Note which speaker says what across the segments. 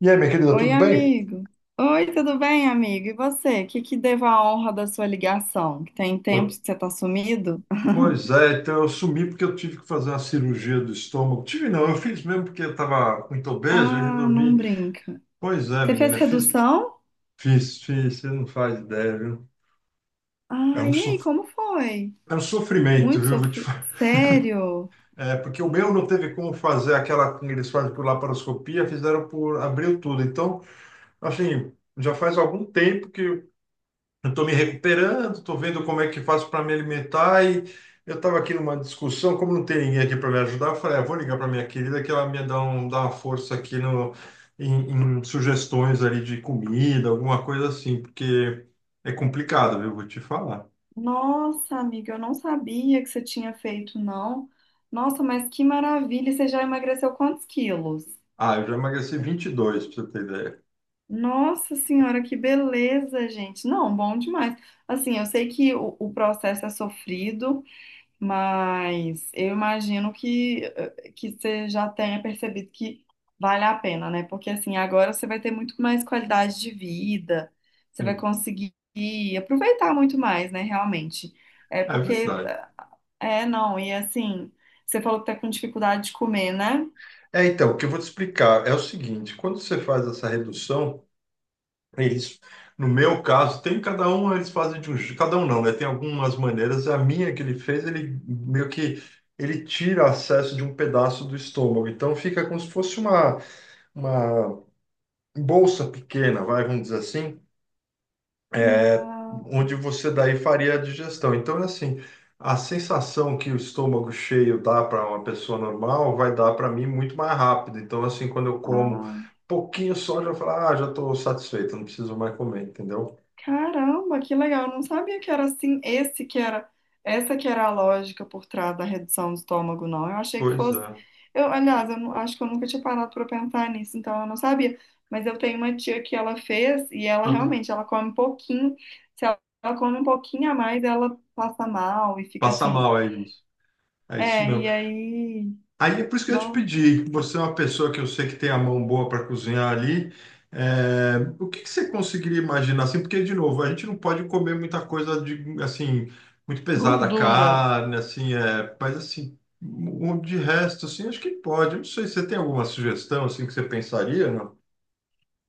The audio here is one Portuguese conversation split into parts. Speaker 1: E aí, minha querida,
Speaker 2: Oi,
Speaker 1: tudo bem?
Speaker 2: amigo. Oi, tudo bem, amigo? E você? O que que devo a honra da sua ligação? Que tem tempos
Speaker 1: Po-
Speaker 2: que você tá sumido?
Speaker 1: Pois é, então eu sumi porque eu tive que fazer uma cirurgia do estômago. Tive não, eu fiz mesmo porque eu estava muito obeso e
Speaker 2: Ah, não
Speaker 1: resolvi.
Speaker 2: brinca.
Speaker 1: Pois é,
Speaker 2: Você fez
Speaker 1: menina, fiz,
Speaker 2: redução?
Speaker 1: fiz, fiz, você não faz ideia, viu? É
Speaker 2: Ah,
Speaker 1: um,
Speaker 2: e aí,
Speaker 1: sof...
Speaker 2: como foi?
Speaker 1: é um sofrimento,
Speaker 2: Muito
Speaker 1: viu? Vou te
Speaker 2: sofrido.
Speaker 1: falar.
Speaker 2: Sério?
Speaker 1: É, porque o meu não teve como fazer aquela que eles fazem por laparoscopia, fizeram por, abriu tudo. Então, assim, já faz algum tempo que eu estou me recuperando, estou vendo como é que faço para me alimentar e eu estava aqui numa discussão, como não tem ninguém aqui para me ajudar, eu falei, ah, vou ligar para minha querida que ela me dá uma força aqui no, em, em sugestões ali de comida, alguma coisa assim, porque é complicado, viu? Vou te falar.
Speaker 2: Nossa, amiga, eu não sabia que você tinha feito, não. Nossa, mas que maravilha! E você já emagreceu quantos quilos?
Speaker 1: Ah, eu já emagreci 22 para você ter ideia.
Speaker 2: Nossa senhora, que beleza, gente. Não, bom demais. Assim, eu sei que o processo é sofrido. Mas eu imagino que, que você já tenha percebido que vale a pena, né? Porque assim, agora você vai ter muito mais qualidade de vida, você vai
Speaker 1: Sim.
Speaker 2: conseguir aproveitar muito mais, né? Realmente. É
Speaker 1: É
Speaker 2: porque,
Speaker 1: verdade.
Speaker 2: é, não, e assim, você falou que tá com dificuldade de comer, né?
Speaker 1: É, então, o que eu vou te explicar é o seguinte, quando você faz essa redução, eles, no meu caso, tem cada um, eles fazem cada um não, né? Tem algumas maneiras. A minha que ele fez, ele meio que ele tira acesso de um pedaço do estômago. Então fica como se fosse uma bolsa pequena, vai, vamos dizer assim,
Speaker 2: Ah,
Speaker 1: onde você daí faria a digestão. Então é assim, a sensação que o estômago cheio dá para uma pessoa normal vai dar para mim muito mais rápido. Então assim, quando eu como
Speaker 2: ah.
Speaker 1: pouquinho só, já falo, ah, já estou satisfeito, não preciso mais comer, entendeu?
Speaker 2: Caramba, que legal. Eu não sabia que era assim, essa que era a lógica por trás da redução do estômago, não. Eu achei que
Speaker 1: Pois
Speaker 2: fosse.
Speaker 1: é.
Speaker 2: Eu, aliás, eu não- acho que eu nunca tinha parado para pensar nisso, então eu não sabia. Mas eu tenho uma tia que ela fez e ela
Speaker 1: Uhum.
Speaker 2: realmente, ela come um pouquinho. Se ela, ela come um pouquinho a mais, ela passa mal e fica
Speaker 1: Passa
Speaker 2: assim.
Speaker 1: mal aí, moço. É isso
Speaker 2: É,
Speaker 1: mesmo.
Speaker 2: e aí,
Speaker 1: Aí é por isso que eu te
Speaker 2: não,
Speaker 1: pedi. Você é uma pessoa que eu sei que tem a mão boa para cozinhar ali. É, o que que você conseguiria imaginar assim? Porque, de novo, a gente não pode comer muita coisa de assim, muito pesada,
Speaker 2: gordura.
Speaker 1: carne, assim, é, mas assim, de resto, assim, acho que pode. Eu não sei, você tem alguma sugestão assim que você pensaria, não?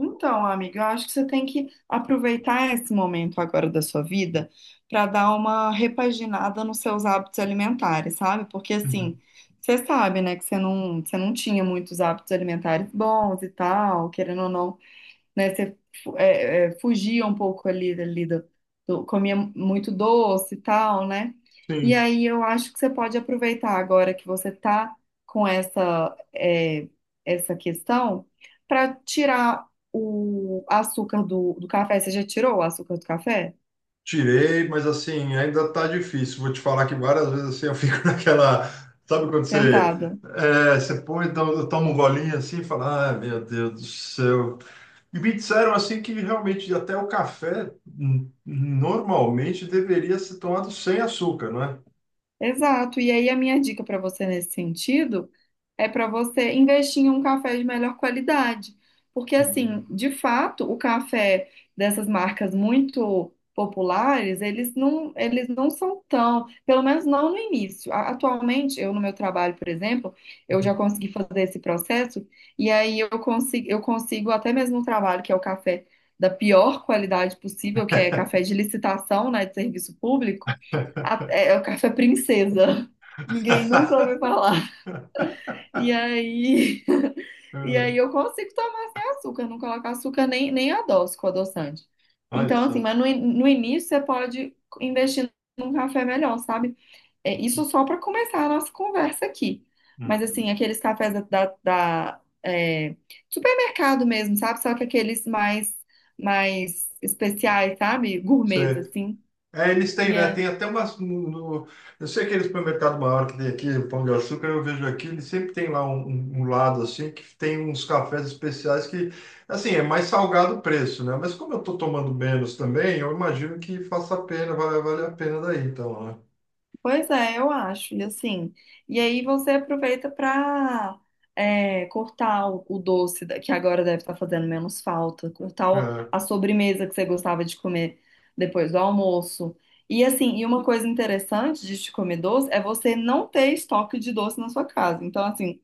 Speaker 2: Então, amiga, eu acho que você tem que aproveitar esse momento agora da sua vida para dar uma repaginada nos seus hábitos alimentares, sabe? Porque assim,
Speaker 1: Uhum.
Speaker 2: você sabe, né, que você não tinha muitos hábitos alimentares bons e tal, querendo ou não né? Você fugia um pouco ali, comia muito doce e tal, né? E
Speaker 1: Sim.
Speaker 2: aí eu acho que você pode aproveitar agora que você tá com essa, é, essa questão para tirar o açúcar do café. Você já tirou o açúcar do café?
Speaker 1: Tirei, mas assim, ainda tá difícil. Vou te falar que várias vezes assim eu fico naquela. Sabe quando você.
Speaker 2: Tentada.
Speaker 1: É, você toma um golinho assim e fala, ah, meu Deus do céu. E me disseram assim que realmente até o café normalmente deveria ser tomado sem açúcar, não é?
Speaker 2: Exato. E aí a minha dica para você nesse sentido é para você investir em um café de melhor qualidade. Porque assim,
Speaker 1: Hum.
Speaker 2: de fato, o café dessas marcas muito populares, eles não são tão, pelo menos não no início. Atualmente, eu no meu trabalho, por exemplo, eu já consegui fazer esse processo e aí eu consigo até mesmo um trabalho que é o café da pior qualidade possível, que é café de licitação, né, de serviço público é o café princesa. Ninguém nunca ouviu falar. E aí, e aí
Speaker 1: É,
Speaker 2: eu consigo tomar sem açúcar, não colocar açúcar nem, nem adoço com adoçante.
Speaker 1: olha
Speaker 2: Então, assim,
Speaker 1: só.
Speaker 2: mas no início você pode investir num café melhor, sabe? É, isso só para começar a nossa conversa aqui. Mas, assim,
Speaker 1: Uhum.
Speaker 2: aqueles cafés da, é, supermercado mesmo, sabe? Só que aqueles mais, mais especiais, sabe? Gourmets, assim.
Speaker 1: É, eles têm, né? Tem até umas. Eu sei que aquele supermercado maior que tem aqui, o Pão de Açúcar, eu vejo aqui, ele sempre tem lá um lado assim, que tem uns cafés especiais que, assim, é mais salgado o preço, né? Mas como eu tô tomando menos também, eu imagino que faça a pena, vai, vale a pena daí, então,
Speaker 2: Pois é, eu acho, e assim, e aí você aproveita para cortar o doce, que agora deve estar fazendo menos falta, cortar
Speaker 1: né?
Speaker 2: a sobremesa que você gostava de comer depois do almoço. E assim, e uma coisa interessante de te comer doce é você não ter estoque de doce na sua casa. Então, assim,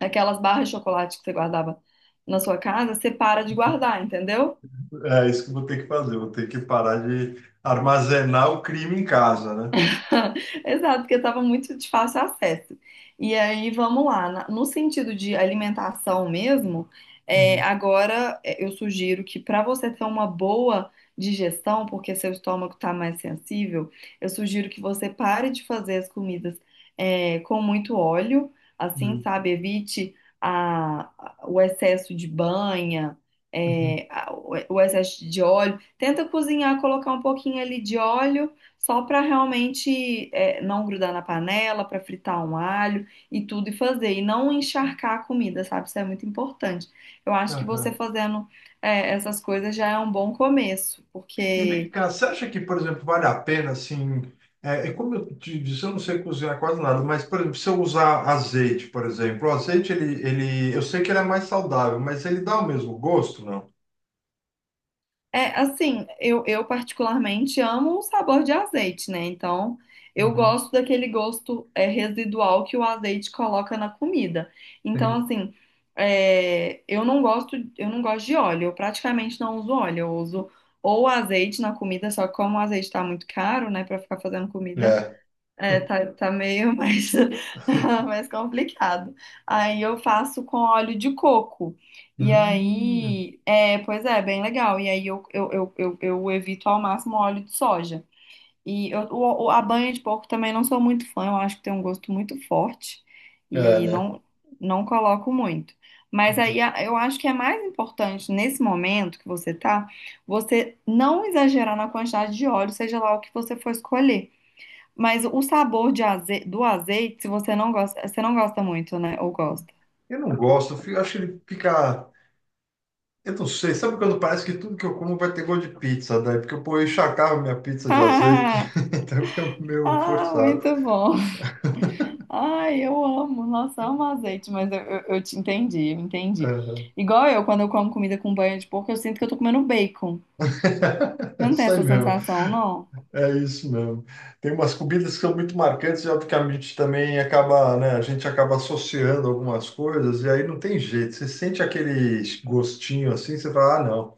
Speaker 2: aquelas barras de chocolate que você guardava na sua casa, você para de guardar, entendeu?
Speaker 1: É, é isso que eu vou ter que fazer, vou ter que parar de armazenar o crime em casa, né?
Speaker 2: Exato, porque estava muito de fácil acesso. E aí, vamos lá, no sentido de alimentação mesmo, é,
Speaker 1: Uhum,
Speaker 2: agora é, eu sugiro que para você ter uma boa digestão, porque seu estômago está mais sensível, eu sugiro que você pare de fazer as comidas é, com muito óleo, assim,
Speaker 1: uhum,
Speaker 2: sabe? Evite o excesso de banha,
Speaker 1: uhum.
Speaker 2: é, o excesso de óleo. Tenta cozinhar, colocar um pouquinho ali de óleo só para realmente é, não grudar na panela, para fritar um alho e tudo e fazer, e não encharcar a comida, sabe? Isso é muito importante. Eu acho que você
Speaker 1: Aham.
Speaker 2: fazendo é, essas coisas já é um bom começo,
Speaker 1: E vem
Speaker 2: porque
Speaker 1: cá, você acha que, por exemplo, vale a pena, assim, é, é como eu te disse, eu não sei cozinhar quase nada, mas, por exemplo, se eu usar azeite, por exemplo, o azeite, eu sei que ele é mais saudável, mas ele dá o mesmo gosto, não?
Speaker 2: é, assim, eu particularmente amo o sabor de azeite, né? Então, eu
Speaker 1: Uhum,
Speaker 2: gosto daquele gosto é, residual que o azeite coloca na comida. Então,
Speaker 1: sim.
Speaker 2: assim, é, eu não gosto de óleo. Eu praticamente não uso óleo. Eu uso ou azeite na comida, só que como o azeite tá muito caro, né, pra ficar fazendo comida.
Speaker 1: É,
Speaker 2: É, tá meio mais, mais complicado. Aí eu faço com óleo de coco. E
Speaker 1: Hum,
Speaker 2: aí, é, pois é, bem legal. E aí eu evito ao máximo óleo de soja. E eu, a banha de porco também não sou muito fã, eu acho que tem um gosto muito forte
Speaker 1: é,
Speaker 2: e
Speaker 1: né?
Speaker 2: não, não coloco muito. Mas
Speaker 1: Uhum.
Speaker 2: aí eu acho que é mais importante nesse momento que você tá, você não exagerar na quantidade de óleo, seja lá o que você for escolher. Mas o sabor de do azeite, se você não gosta, você não gosta muito, né? Ou gosta?
Speaker 1: Eu não gosto, eu fico- acho que ele fica, eu não sei, sabe quando parece que tudo que eu como vai ter gosto de pizza, daí, porque eu, pô, eu encharcava minha pizza de azeite, então fica meio
Speaker 2: Ah, ah,
Speaker 1: forçado.
Speaker 2: muito bom. Ai, eu amo. Nossa, amo azeite, mas eu te entendi, eu entendi.
Speaker 1: Aham.
Speaker 2: Igual eu, quando eu como comida com banha de porco, eu sinto que eu tô comendo bacon. Você
Speaker 1: É
Speaker 2: não tem
Speaker 1: isso
Speaker 2: essa
Speaker 1: aí mesmo.
Speaker 2: sensação, não?
Speaker 1: É isso mesmo. Tem umas comidas que são muito marcantes e obviamente também acaba, né, a gente acaba associando algumas coisas e aí não tem jeito. Você sente aquele gostinho assim, você fala, ah, não,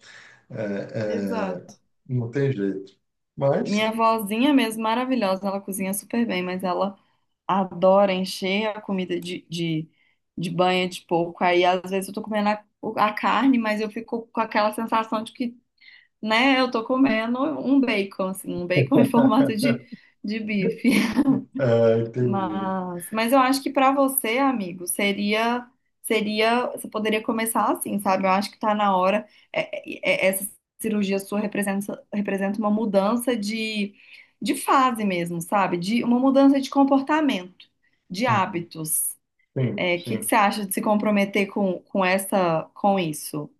Speaker 1: é,
Speaker 2: Exato.
Speaker 1: não tem jeito. Mas,
Speaker 2: Minha vozinha mesmo, maravilhosa, ela cozinha super bem, mas ela adora encher a comida de banha de porco. Aí, às vezes, eu tô comendo a carne, mas eu fico com aquela sensação de que, né, eu tô comendo um bacon, assim, um bacon em formato de bife.
Speaker 1: é, entendi.
Speaker 2: Mas eu acho que para você, amigo, seria, seria, você poderia começar assim, sabe? Eu acho que tá na hora. Essa cirurgia sua representa, representa uma mudança de fase mesmo, sabe? De uma mudança de comportamento, de
Speaker 1: Uhum.
Speaker 2: hábitos.
Speaker 1: Sim,
Speaker 2: É, o que que
Speaker 1: sim.
Speaker 2: você acha de se comprometer com essa, com isso?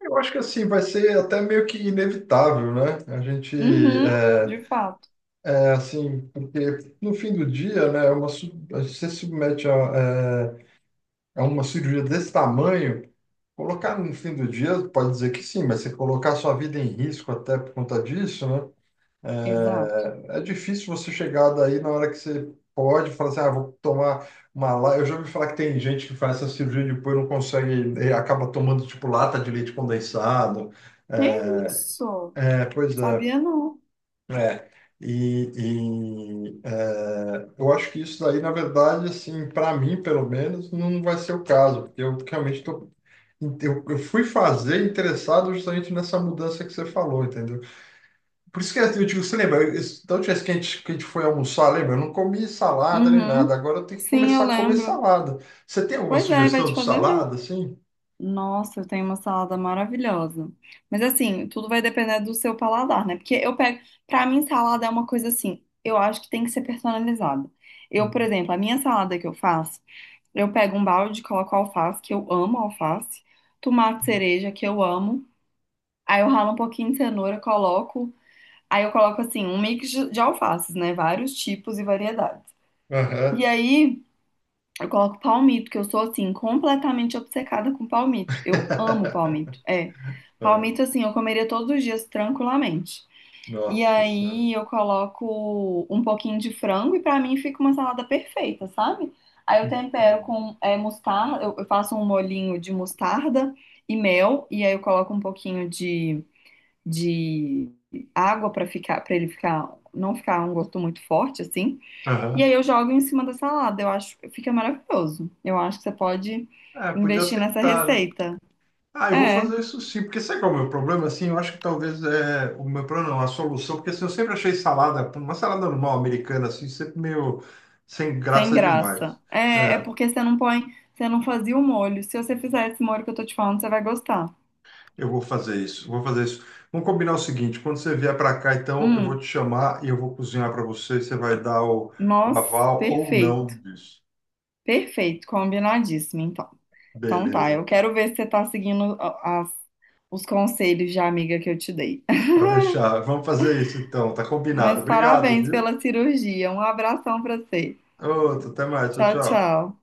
Speaker 1: Eu acho que assim vai ser até meio que inevitável, né? A gente
Speaker 2: Uhum,
Speaker 1: é,
Speaker 2: de fato,
Speaker 1: assim, porque no fim do dia, né, é uma, você se submete a uma cirurgia desse tamanho. Colocar no fim do dia, pode dizer que sim, mas você colocar sua vida em risco até por conta disso, né?
Speaker 2: exato.
Speaker 1: É, é difícil você chegar daí na hora que você pode falar assim, ah, vou tomar uma lá. Eu já ouvi falar que tem gente que faz essa cirurgia e depois não consegue, e acaba tomando tipo lata de leite condensado.
Speaker 2: É
Speaker 1: É,
Speaker 2: isso,
Speaker 1: é, pois é,
Speaker 2: sabia não.
Speaker 1: é. E, eu acho que isso daí, na verdade, assim, para mim, pelo menos, não vai ser o caso, porque eu realmente estou eu fui fazer interessado justamente nessa mudança que você falou, entendeu? Por isso que é, eu digo, você lembra, da última vez que a gente foi almoçar, lembra? Eu não comi salada nem nada,
Speaker 2: Uhum,
Speaker 1: agora eu tenho que
Speaker 2: sim, eu
Speaker 1: começar a comer
Speaker 2: lembro.
Speaker 1: salada. Você tem alguma
Speaker 2: Pois é, vai
Speaker 1: sugestão
Speaker 2: te
Speaker 1: de
Speaker 2: fazer bem.
Speaker 1: salada, assim?
Speaker 2: Nossa, eu tenho uma salada maravilhosa. Mas assim, tudo vai depender do seu paladar, né? Porque eu pego, pra mim salada é uma coisa assim, eu acho que tem que ser personalizada. Eu, por
Speaker 1: Hum.
Speaker 2: exemplo, a minha salada que eu faço, eu pego um balde, coloco alface, que eu amo alface, tomate cereja, que eu amo. Aí eu ralo um pouquinho de cenoura, coloco, aí eu coloco assim, um mix de alfaces, né? Vários tipos e variedades. E
Speaker 1: Aham.
Speaker 2: aí eu coloco palmito, que eu sou assim, completamente obcecada com palmito. Eu amo palmito. É.
Speaker 1: É,
Speaker 2: Palmito, assim, eu comeria todos os dias tranquilamente. E
Speaker 1: Nossa Senhora.
Speaker 2: aí eu coloco um pouquinho de frango e pra mim fica uma salada perfeita, sabe? Aí eu tempero
Speaker 1: Entendo.
Speaker 2: com é, mostarda, eu faço um molhinho de mostarda e mel, e aí eu coloco um pouquinho de água pra ficar, para ele ficar, não ficar um gosto muito forte, assim. E aí
Speaker 1: Aham.
Speaker 2: eu jogo em cima da salada. Eu acho que fica maravilhoso. Eu acho que você pode
Speaker 1: É, podia
Speaker 2: investir nessa
Speaker 1: tentar, né?
Speaker 2: receita.
Speaker 1: Ah, eu vou
Speaker 2: É,
Speaker 1: fazer isso sim, porque sabe qual é o meu problema? Assim, eu acho que talvez é o meu problema, não, a solução, porque assim, eu sempre achei salada, uma salada normal americana, assim, sempre meio sem
Speaker 2: sem
Speaker 1: graça
Speaker 2: graça.
Speaker 1: demais.
Speaker 2: É, é
Speaker 1: É,
Speaker 2: porque você não põe, você não fazia o molho. Se você fizer esse molho que eu tô te falando, você vai gostar.
Speaker 1: eu vou fazer isso, vou fazer isso. Vamos combinar o seguinte: quando você vier para cá, então eu vou
Speaker 2: Hum,
Speaker 1: te chamar e eu vou cozinhar para você, você vai dar o
Speaker 2: nossa,
Speaker 1: aval ou
Speaker 2: perfeito.
Speaker 1: não disso.
Speaker 2: Perfeito, combinadíssimo, então. Então tá,
Speaker 1: Beleza,
Speaker 2: eu
Speaker 1: então.
Speaker 2: quero ver se você tá seguindo os conselhos de amiga que eu te dei.
Speaker 1: Pode deixar, vamos fazer isso então, tá combinado.
Speaker 2: Mas
Speaker 1: Obrigado,
Speaker 2: parabéns
Speaker 1: viu?
Speaker 2: pela cirurgia. Um abração pra você.
Speaker 1: Outro, até mais, tchau,
Speaker 2: Tchau,
Speaker 1: tchau.
Speaker 2: tchau.